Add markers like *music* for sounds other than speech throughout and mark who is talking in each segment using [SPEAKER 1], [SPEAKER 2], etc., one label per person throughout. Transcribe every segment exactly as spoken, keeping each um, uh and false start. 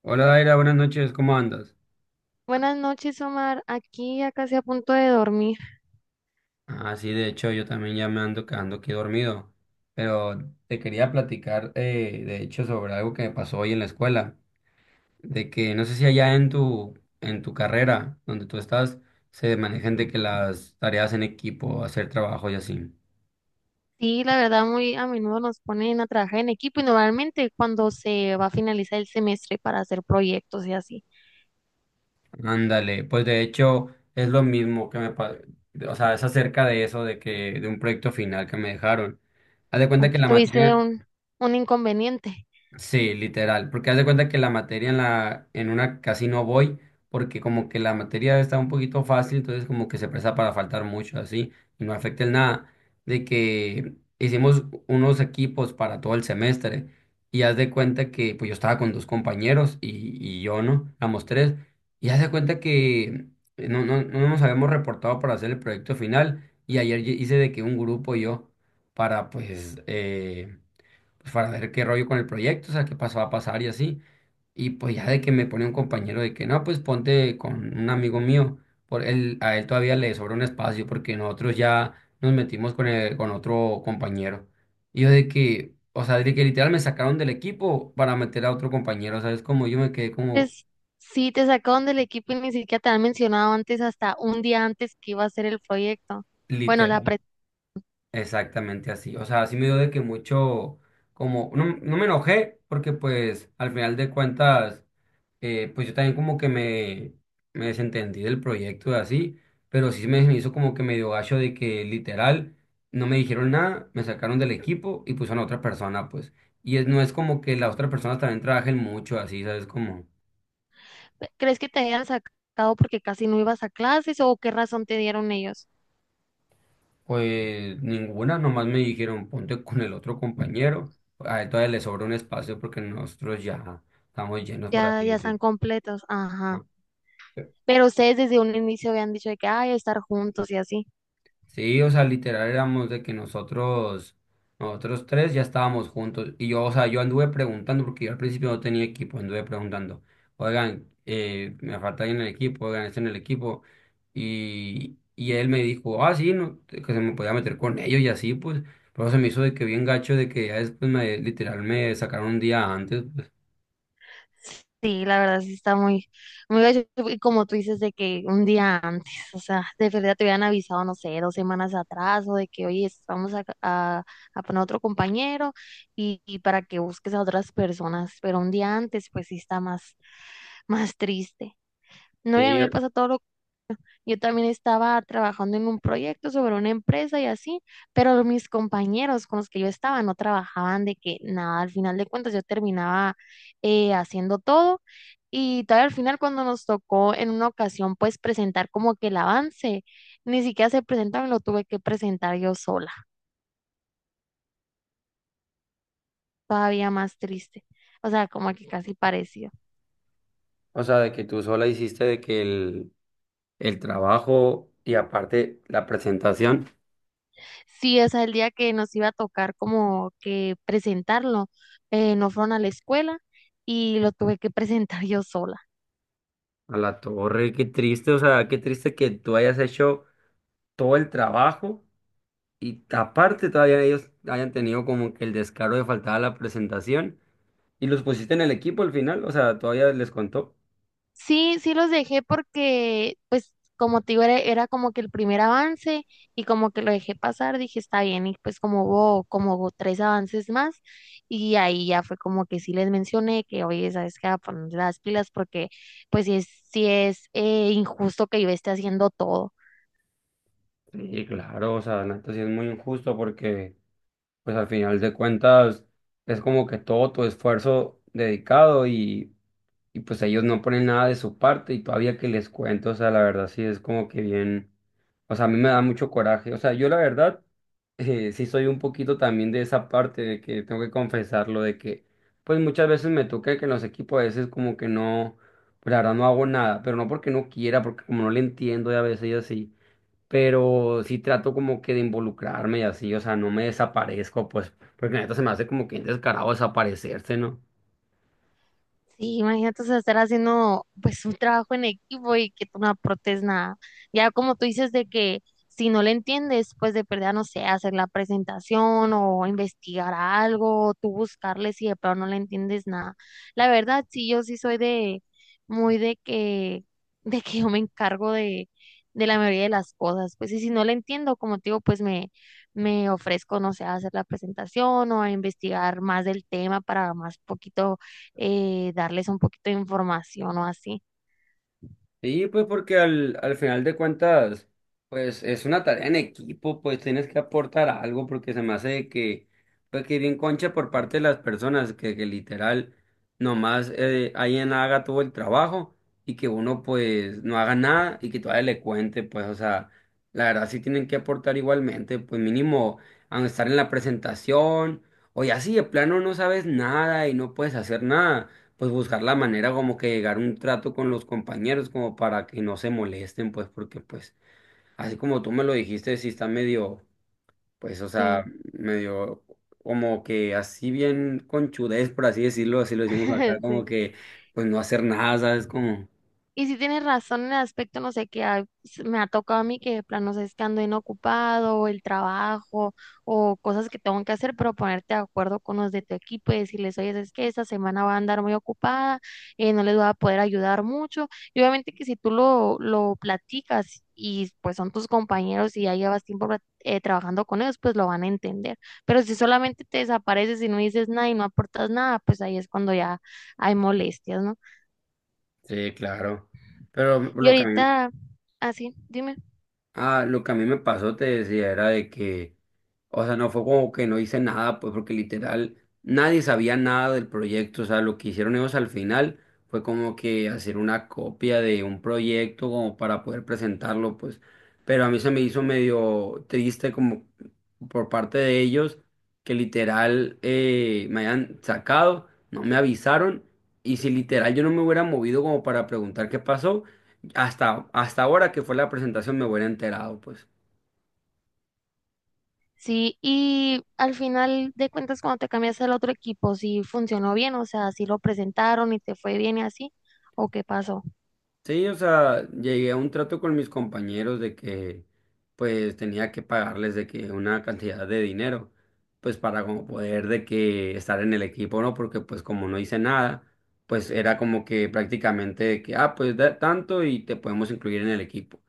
[SPEAKER 1] Hola Daira, buenas noches, ¿cómo andas?
[SPEAKER 2] Buenas noches, Omar. Aquí ya casi a punto de dormir.
[SPEAKER 1] Ah, sí, de hecho yo también ya me ando quedando aquí dormido, pero te quería platicar eh, de hecho sobre algo que me pasó hoy en la escuela, de que no sé si allá en tu, en tu carrera donde tú estás se manejan de que las tareas en equipo, hacer trabajo y así.
[SPEAKER 2] Sí, la verdad, muy a menudo nos ponen a trabajar en equipo y normalmente cuando se va a finalizar el semestre para hacer proyectos y así.
[SPEAKER 1] Ándale, pues de hecho es lo mismo que me pasó, o sea, es acerca de eso, de que de un proyecto final que me dejaron. Haz de cuenta que
[SPEAKER 2] Aquí
[SPEAKER 1] la
[SPEAKER 2] tuviste
[SPEAKER 1] materia...
[SPEAKER 2] un, un inconveniente.
[SPEAKER 1] Sí, literal, porque haz de cuenta que la materia en la en una casi no voy porque como que la materia está un poquito fácil, entonces como que se presta para faltar mucho así y no afecta en nada de que hicimos unos equipos para todo el semestre, y haz de cuenta que pues yo estaba con dos compañeros y, y yo no, éramos tres, y haz de cuenta que no, no, no nos habíamos reportado para hacer el proyecto final, y ayer hice de que un grupo yo para pues eh, pues, para ver qué rollo con el proyecto, o sea, qué pasó a pasar y así. Y pues ya de que me pone un compañero de que no, pues ponte con un amigo mío, por él, a él todavía le sobra un espacio porque nosotros ya nos metimos con, el- con otro compañero. Y yo de que, o sea, de que literal me sacaron del equipo para meter a otro compañero, ¿sabes? Como yo me quedé como
[SPEAKER 2] Antes, sí, te sacaron del equipo y ni siquiera te han mencionado antes, hasta un día antes que iba a hacer el proyecto. Bueno, la
[SPEAKER 1] literal,
[SPEAKER 2] pre-
[SPEAKER 1] exactamente así. O sea, así me dio de que mucho, como, no, no me enojé porque pues al final de cuentas eh, pues yo también como que me, me desentendí del proyecto y así, pero sí me, me hizo como que medio gacho de que literal no me dijeron nada, me sacaron del equipo y pusieron a otra persona, pues. Y es, no es como que las otras personas también trabajen mucho así, ¿sabes? Como,
[SPEAKER 2] ¿crees que te hayan sacado porque casi no ibas a clases o qué razón te dieron ellos?
[SPEAKER 1] pues ninguna, nomás me dijeron ponte con el otro compañero, a él todavía le sobra un espacio porque nosotros ya estamos llenos, por
[SPEAKER 2] Ya,
[SPEAKER 1] así
[SPEAKER 2] ya están
[SPEAKER 1] decirlo.
[SPEAKER 2] completos. Ajá.
[SPEAKER 1] ¿No?
[SPEAKER 2] Pero ustedes desde un inicio habían dicho de que, ay, estar juntos y así.
[SPEAKER 1] Sí, o sea, literal éramos de que nosotros, nosotros tres ya estábamos juntos. Y yo, o sea, yo anduve preguntando, porque yo al principio no tenía equipo, anduve preguntando, oigan, eh, me falta alguien en el equipo, oigan, está en el equipo. Y, y él me dijo, ah, sí, no, que se me podía meter con ellos y así, pues. Pero se me hizo de que bien gacho, de que ya después me, literal, me sacaron un día antes, pues.
[SPEAKER 2] Sí, la verdad sí está muy, muy gacho. Y como tú dices, de que un día antes, o sea, de verdad te hubieran avisado, no sé, dos semanas atrás, o de que, oye, es- vamos a, a, a poner otro compañero y, y para que busques a otras personas. Pero un día antes, pues sí está más, más triste. No, y a
[SPEAKER 1] Sí,
[SPEAKER 2] mí me pasa todo lo. Yo también estaba trabajando en un proyecto sobre una empresa y así, pero mis compañeros con los que yo estaba no trabajaban de que nada, al final de cuentas yo terminaba eh, haciendo todo y todavía al final cuando nos tocó en una ocasión pues presentar como que el avance, ni siquiera se presentaron, lo tuve que presentar yo sola, todavía más triste, o sea, como que casi parecido.
[SPEAKER 1] o sea, de que tú sola hiciste de que el, el trabajo y aparte la presentación.
[SPEAKER 2] Sí, o sea, el día que nos iba a tocar como que presentarlo, eh, no fueron a la escuela y lo tuve que presentar yo sola.
[SPEAKER 1] A la torre, qué triste, o sea, qué triste que tú hayas hecho todo el trabajo y aparte todavía ellos hayan tenido como que el descaro de faltar a la presentación y los pusiste en el equipo al final, o sea, todavía les contó.
[SPEAKER 2] Sí, sí los dejé porque, pues, como te digo, era, era como que el primer avance y como que lo dejé pasar, dije, está bien, y pues como hubo como hubo tres avances más y ahí ya fue como que sí les mencioné que, oye, ¿sabes qué? A poner las pilas porque, pues, sí es, sí es eh, injusto que yo esté haciendo todo.
[SPEAKER 1] Sí, claro, o sea, Nato, sí es muy injusto porque pues al final de cuentas es como que todo tu esfuerzo dedicado y y pues ellos no ponen nada de su parte y todavía que les cuento, o sea, la verdad sí es como que bien, o sea, a mí me da mucho coraje, o sea, yo la verdad eh, sí soy un poquito también de esa parte de que tengo que confesarlo, de que pues muchas veces me toca que en los equipos a veces como que no, pues la verdad no hago nada, pero no porque no quiera, porque como no le entiendo y a veces y así, pero sí trato como que de involucrarme y así, o sea, no me desaparezco, pues, porque la neta se me hace como que bien descarado desaparecerse, ¿no?
[SPEAKER 2] Sí, imagínate, o sea, estar haciendo pues un trabajo en equipo y que tú no aportes nada. Ya como tú dices de que si no le entiendes, pues de perder, no sé, hacer la presentación o investigar algo, o tú buscarle si de pronto no le entiendes nada. La verdad, sí, yo sí soy de muy de que de que yo me encargo de de la mayoría de las cosas, pues y si no le entiendo, como te digo, pues me me ofrezco, no sé, a hacer la presentación o a investigar más del tema para más poquito, eh, darles un poquito de información o así.
[SPEAKER 1] Sí, pues porque al, al final de cuentas, pues es una tarea en equipo, pues tienes que aportar algo porque se me hace de que, pues que bien concha por parte de las personas, que, que literal nomás eh, alguien haga todo el trabajo y que uno pues no haga nada y que todavía le cuente, pues o sea, la verdad sí tienen que aportar igualmente, pues mínimo a estar en la presentación o ya si de plano no sabes nada y no puedes hacer nada, pues buscar la manera como que llegar a un trato con los compañeros como para que no se molesten, pues porque pues así como tú me lo dijiste, sí está medio, pues o sea,
[SPEAKER 2] Sí,
[SPEAKER 1] medio como que así bien conchudez, por así decirlo, así lo decimos acá,
[SPEAKER 2] *laughs*
[SPEAKER 1] como
[SPEAKER 2] sí.
[SPEAKER 1] que pues no hacer nada, ¿sabes? Como,
[SPEAKER 2] Y si tienes razón en el aspecto, no sé, que a- s- me ha tocado a mí que de plano, no sé, es que ando inocupado, o el trabajo, o cosas que tengo que hacer, pero ponerte de acuerdo con los de tu equipo y decirles, oye, es que esta semana va a andar muy ocupada, eh, no les voy a poder ayudar mucho. Y obviamente que si tú lo, lo platicas y pues son tus compañeros y ya llevas tiempo plat- eh, trabajando con ellos, pues lo van a entender. Pero si solamente te desapareces y no dices nada y no aportas nada, pues ahí es cuando ya hay molestias, ¿no?
[SPEAKER 1] sí, claro. Pero
[SPEAKER 2] Y
[SPEAKER 1] lo que a mí,
[SPEAKER 2] ahorita... Así, dime.
[SPEAKER 1] ah, lo que a mí me pasó, te decía, era de que, o sea, no fue como que no hice nada, pues porque literal nadie sabía nada del proyecto, o sea, lo que hicieron ellos al final fue como que hacer una copia de un proyecto como para poder presentarlo, pues, pero a mí se me hizo medio triste como por parte de ellos que literal eh, me hayan sacado, no me avisaron, y si literal yo no me hubiera movido como para preguntar qué pasó. Hasta, hasta ahora que fue la presentación me hubiera enterado, pues.
[SPEAKER 2] Sí, y al final de cuentas, cuando te cambiaste al otro equipo, si funcionó bien, o sea, si lo presentaron y te fue bien y así, o qué pasó,
[SPEAKER 1] Sí, o sea, llegué a un trato con mis compañeros de que, pues, tenía que pagarles de que una cantidad de dinero, pues, para como poder de que estar en el equipo, ¿no? Porque, pues, como no hice nada, pues, era como que prácticamente de que, ah, pues, da tanto y te podemos incluir en el equipo.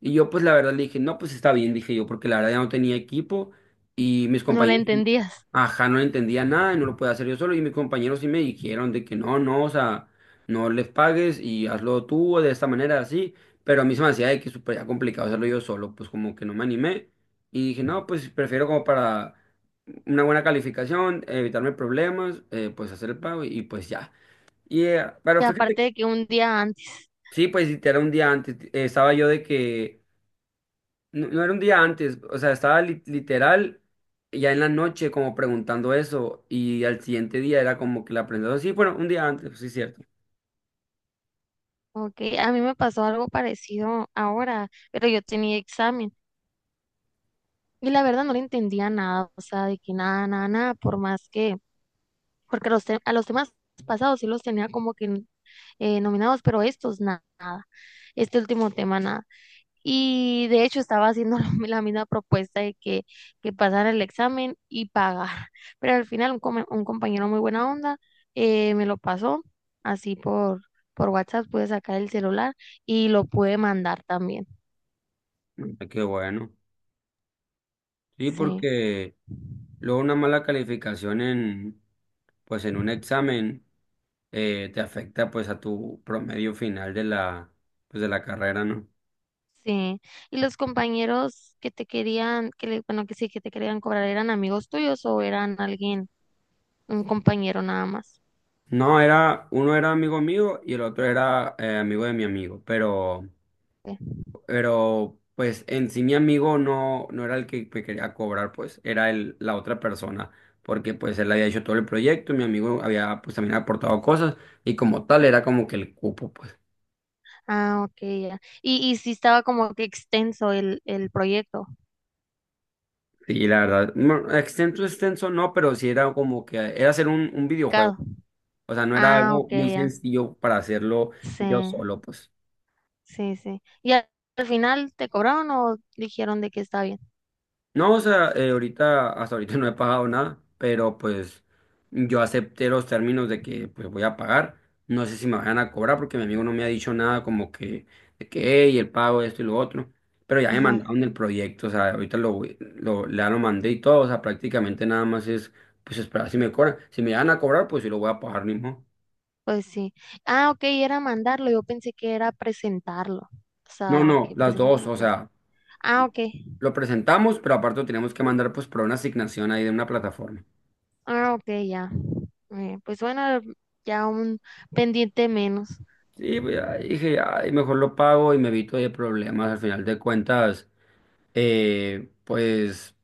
[SPEAKER 1] Y yo, pues, la verdad le dije, no, pues, está bien, dije yo, porque la verdad ya no tenía equipo y mis
[SPEAKER 2] no le
[SPEAKER 1] compañeros
[SPEAKER 2] entendías.
[SPEAKER 1] ajá, no entendía nada y no lo podía hacer yo solo. Y mis compañeros sí me dijeron de que no, no, o sea, no les pagues y hazlo tú de esta manera, así. Pero a mí se me hacía de que súper ya complicado hacerlo yo solo, pues como que no me animé. Y dije, no, pues prefiero como para una buena calificación, evitarme problemas, eh, pues hacer el pago y, pues ya. Y, eh,
[SPEAKER 2] Y
[SPEAKER 1] pero fíjate,
[SPEAKER 2] aparte de que un día antes,
[SPEAKER 1] sí, pues si era un día antes, eh, estaba yo de que no, no era un día antes, o sea, estaba li- literal ya en la noche como preguntando eso y al siguiente día era como que la aprendió. Sí, bueno, un día antes, sí, cierto.
[SPEAKER 2] ok, a mí me pasó algo parecido ahora, pero yo tenía examen y la verdad no le entendía nada, o sea, de que nada, nada, nada, por más que, porque los te- a los temas pasados sí los tenía como que eh, nominados, pero estos na- nada, este último tema nada. Y de hecho estaba haciendo *laughs* la la misma propuesta de que, que pasara el examen y pagar. *laughs* Pero al final un, come- un compañero muy buena onda, eh, me lo pasó así por, por WhatsApp, pude sacar el celular y lo pude mandar también.
[SPEAKER 1] Mm, qué bueno. Sí,
[SPEAKER 2] Sí,
[SPEAKER 1] porque luego una mala calificación en, pues en un examen eh, te afecta pues a tu promedio final de la, pues de la carrera, ¿no?
[SPEAKER 2] sí. ¿Y los compañeros que te querían, que le- bueno, que sí, que te querían cobrar, eran amigos tuyos o eran alguien, un compañero nada más?
[SPEAKER 1] No, era, uno era amigo mío y el otro era eh, amigo de mi amigo, pero... Pero pues en sí mi amigo no, no era el que me quería cobrar, pues era el, la otra persona, porque pues él había hecho todo el proyecto, mi amigo había pues también aportado cosas y como tal era como que el cupo, pues.
[SPEAKER 2] Ah, ok, ya. Y, y sí estaba como que extenso el, el proyecto,
[SPEAKER 1] Sí, la verdad, no, extenso, extenso no, pero sí era como que era hacer un, un videojuego,
[SPEAKER 2] claro.
[SPEAKER 1] o sea, no era
[SPEAKER 2] Ah, ok,
[SPEAKER 1] algo muy
[SPEAKER 2] ya.
[SPEAKER 1] sencillo para hacerlo
[SPEAKER 2] Sí,
[SPEAKER 1] yo solo, pues.
[SPEAKER 2] sí, sí. ¿Y al al final te cobraron o dijeron de que está bien?
[SPEAKER 1] No, o sea, eh, ahorita, hasta ahorita *laughs* no he pagado nada, pero pues yo acepté los términos de que pues voy a pagar. No sé si me van a cobrar porque mi amigo no me ha dicho nada como que, de que, hey, el pago, esto y lo otro. Pero ya me
[SPEAKER 2] Ajá,
[SPEAKER 1] mandaron el proyecto, o sea, ahorita lo, voy- lo, ya lo mandé y todo, o sea, prácticamente nada más es pues esperar si me cobran. Si me van a cobrar, pues sí lo voy a pagar mismo.
[SPEAKER 2] pues sí. Ah, ok, era mandarlo. Yo pensé que era presentarlo. O
[SPEAKER 1] No,
[SPEAKER 2] sea, de
[SPEAKER 1] no,
[SPEAKER 2] que
[SPEAKER 1] las
[SPEAKER 2] presentarlo
[SPEAKER 1] dos,
[SPEAKER 2] en
[SPEAKER 1] o
[SPEAKER 2] clase.
[SPEAKER 1] sea,
[SPEAKER 2] Ah, ok.
[SPEAKER 1] lo presentamos, pero aparte lo tenemos que mandar pues por una asignación ahí de una plataforma.
[SPEAKER 2] Ah, ok, ya. Eh, pues bueno, ya un pendiente menos.
[SPEAKER 1] Sí, pues, ya dije, ay, mejor lo pago y me evito de problemas. Al final de cuentas, eh, pues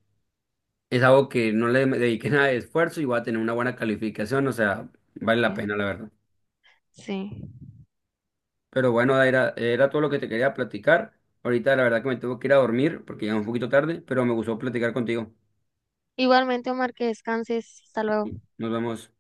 [SPEAKER 1] es algo que no le dediqué nada de esfuerzo y voy a tener una buena calificación. O sea, vale la
[SPEAKER 2] Eh,
[SPEAKER 1] pena, la verdad.
[SPEAKER 2] sí.
[SPEAKER 1] Pero bueno, era, era todo lo que te quería platicar. Ahorita, la verdad, que me tengo que ir a dormir porque ya es un poquito tarde, pero me gustó platicar contigo.
[SPEAKER 2] Igualmente, Omar, que descanses. Hasta luego.
[SPEAKER 1] Nos vemos.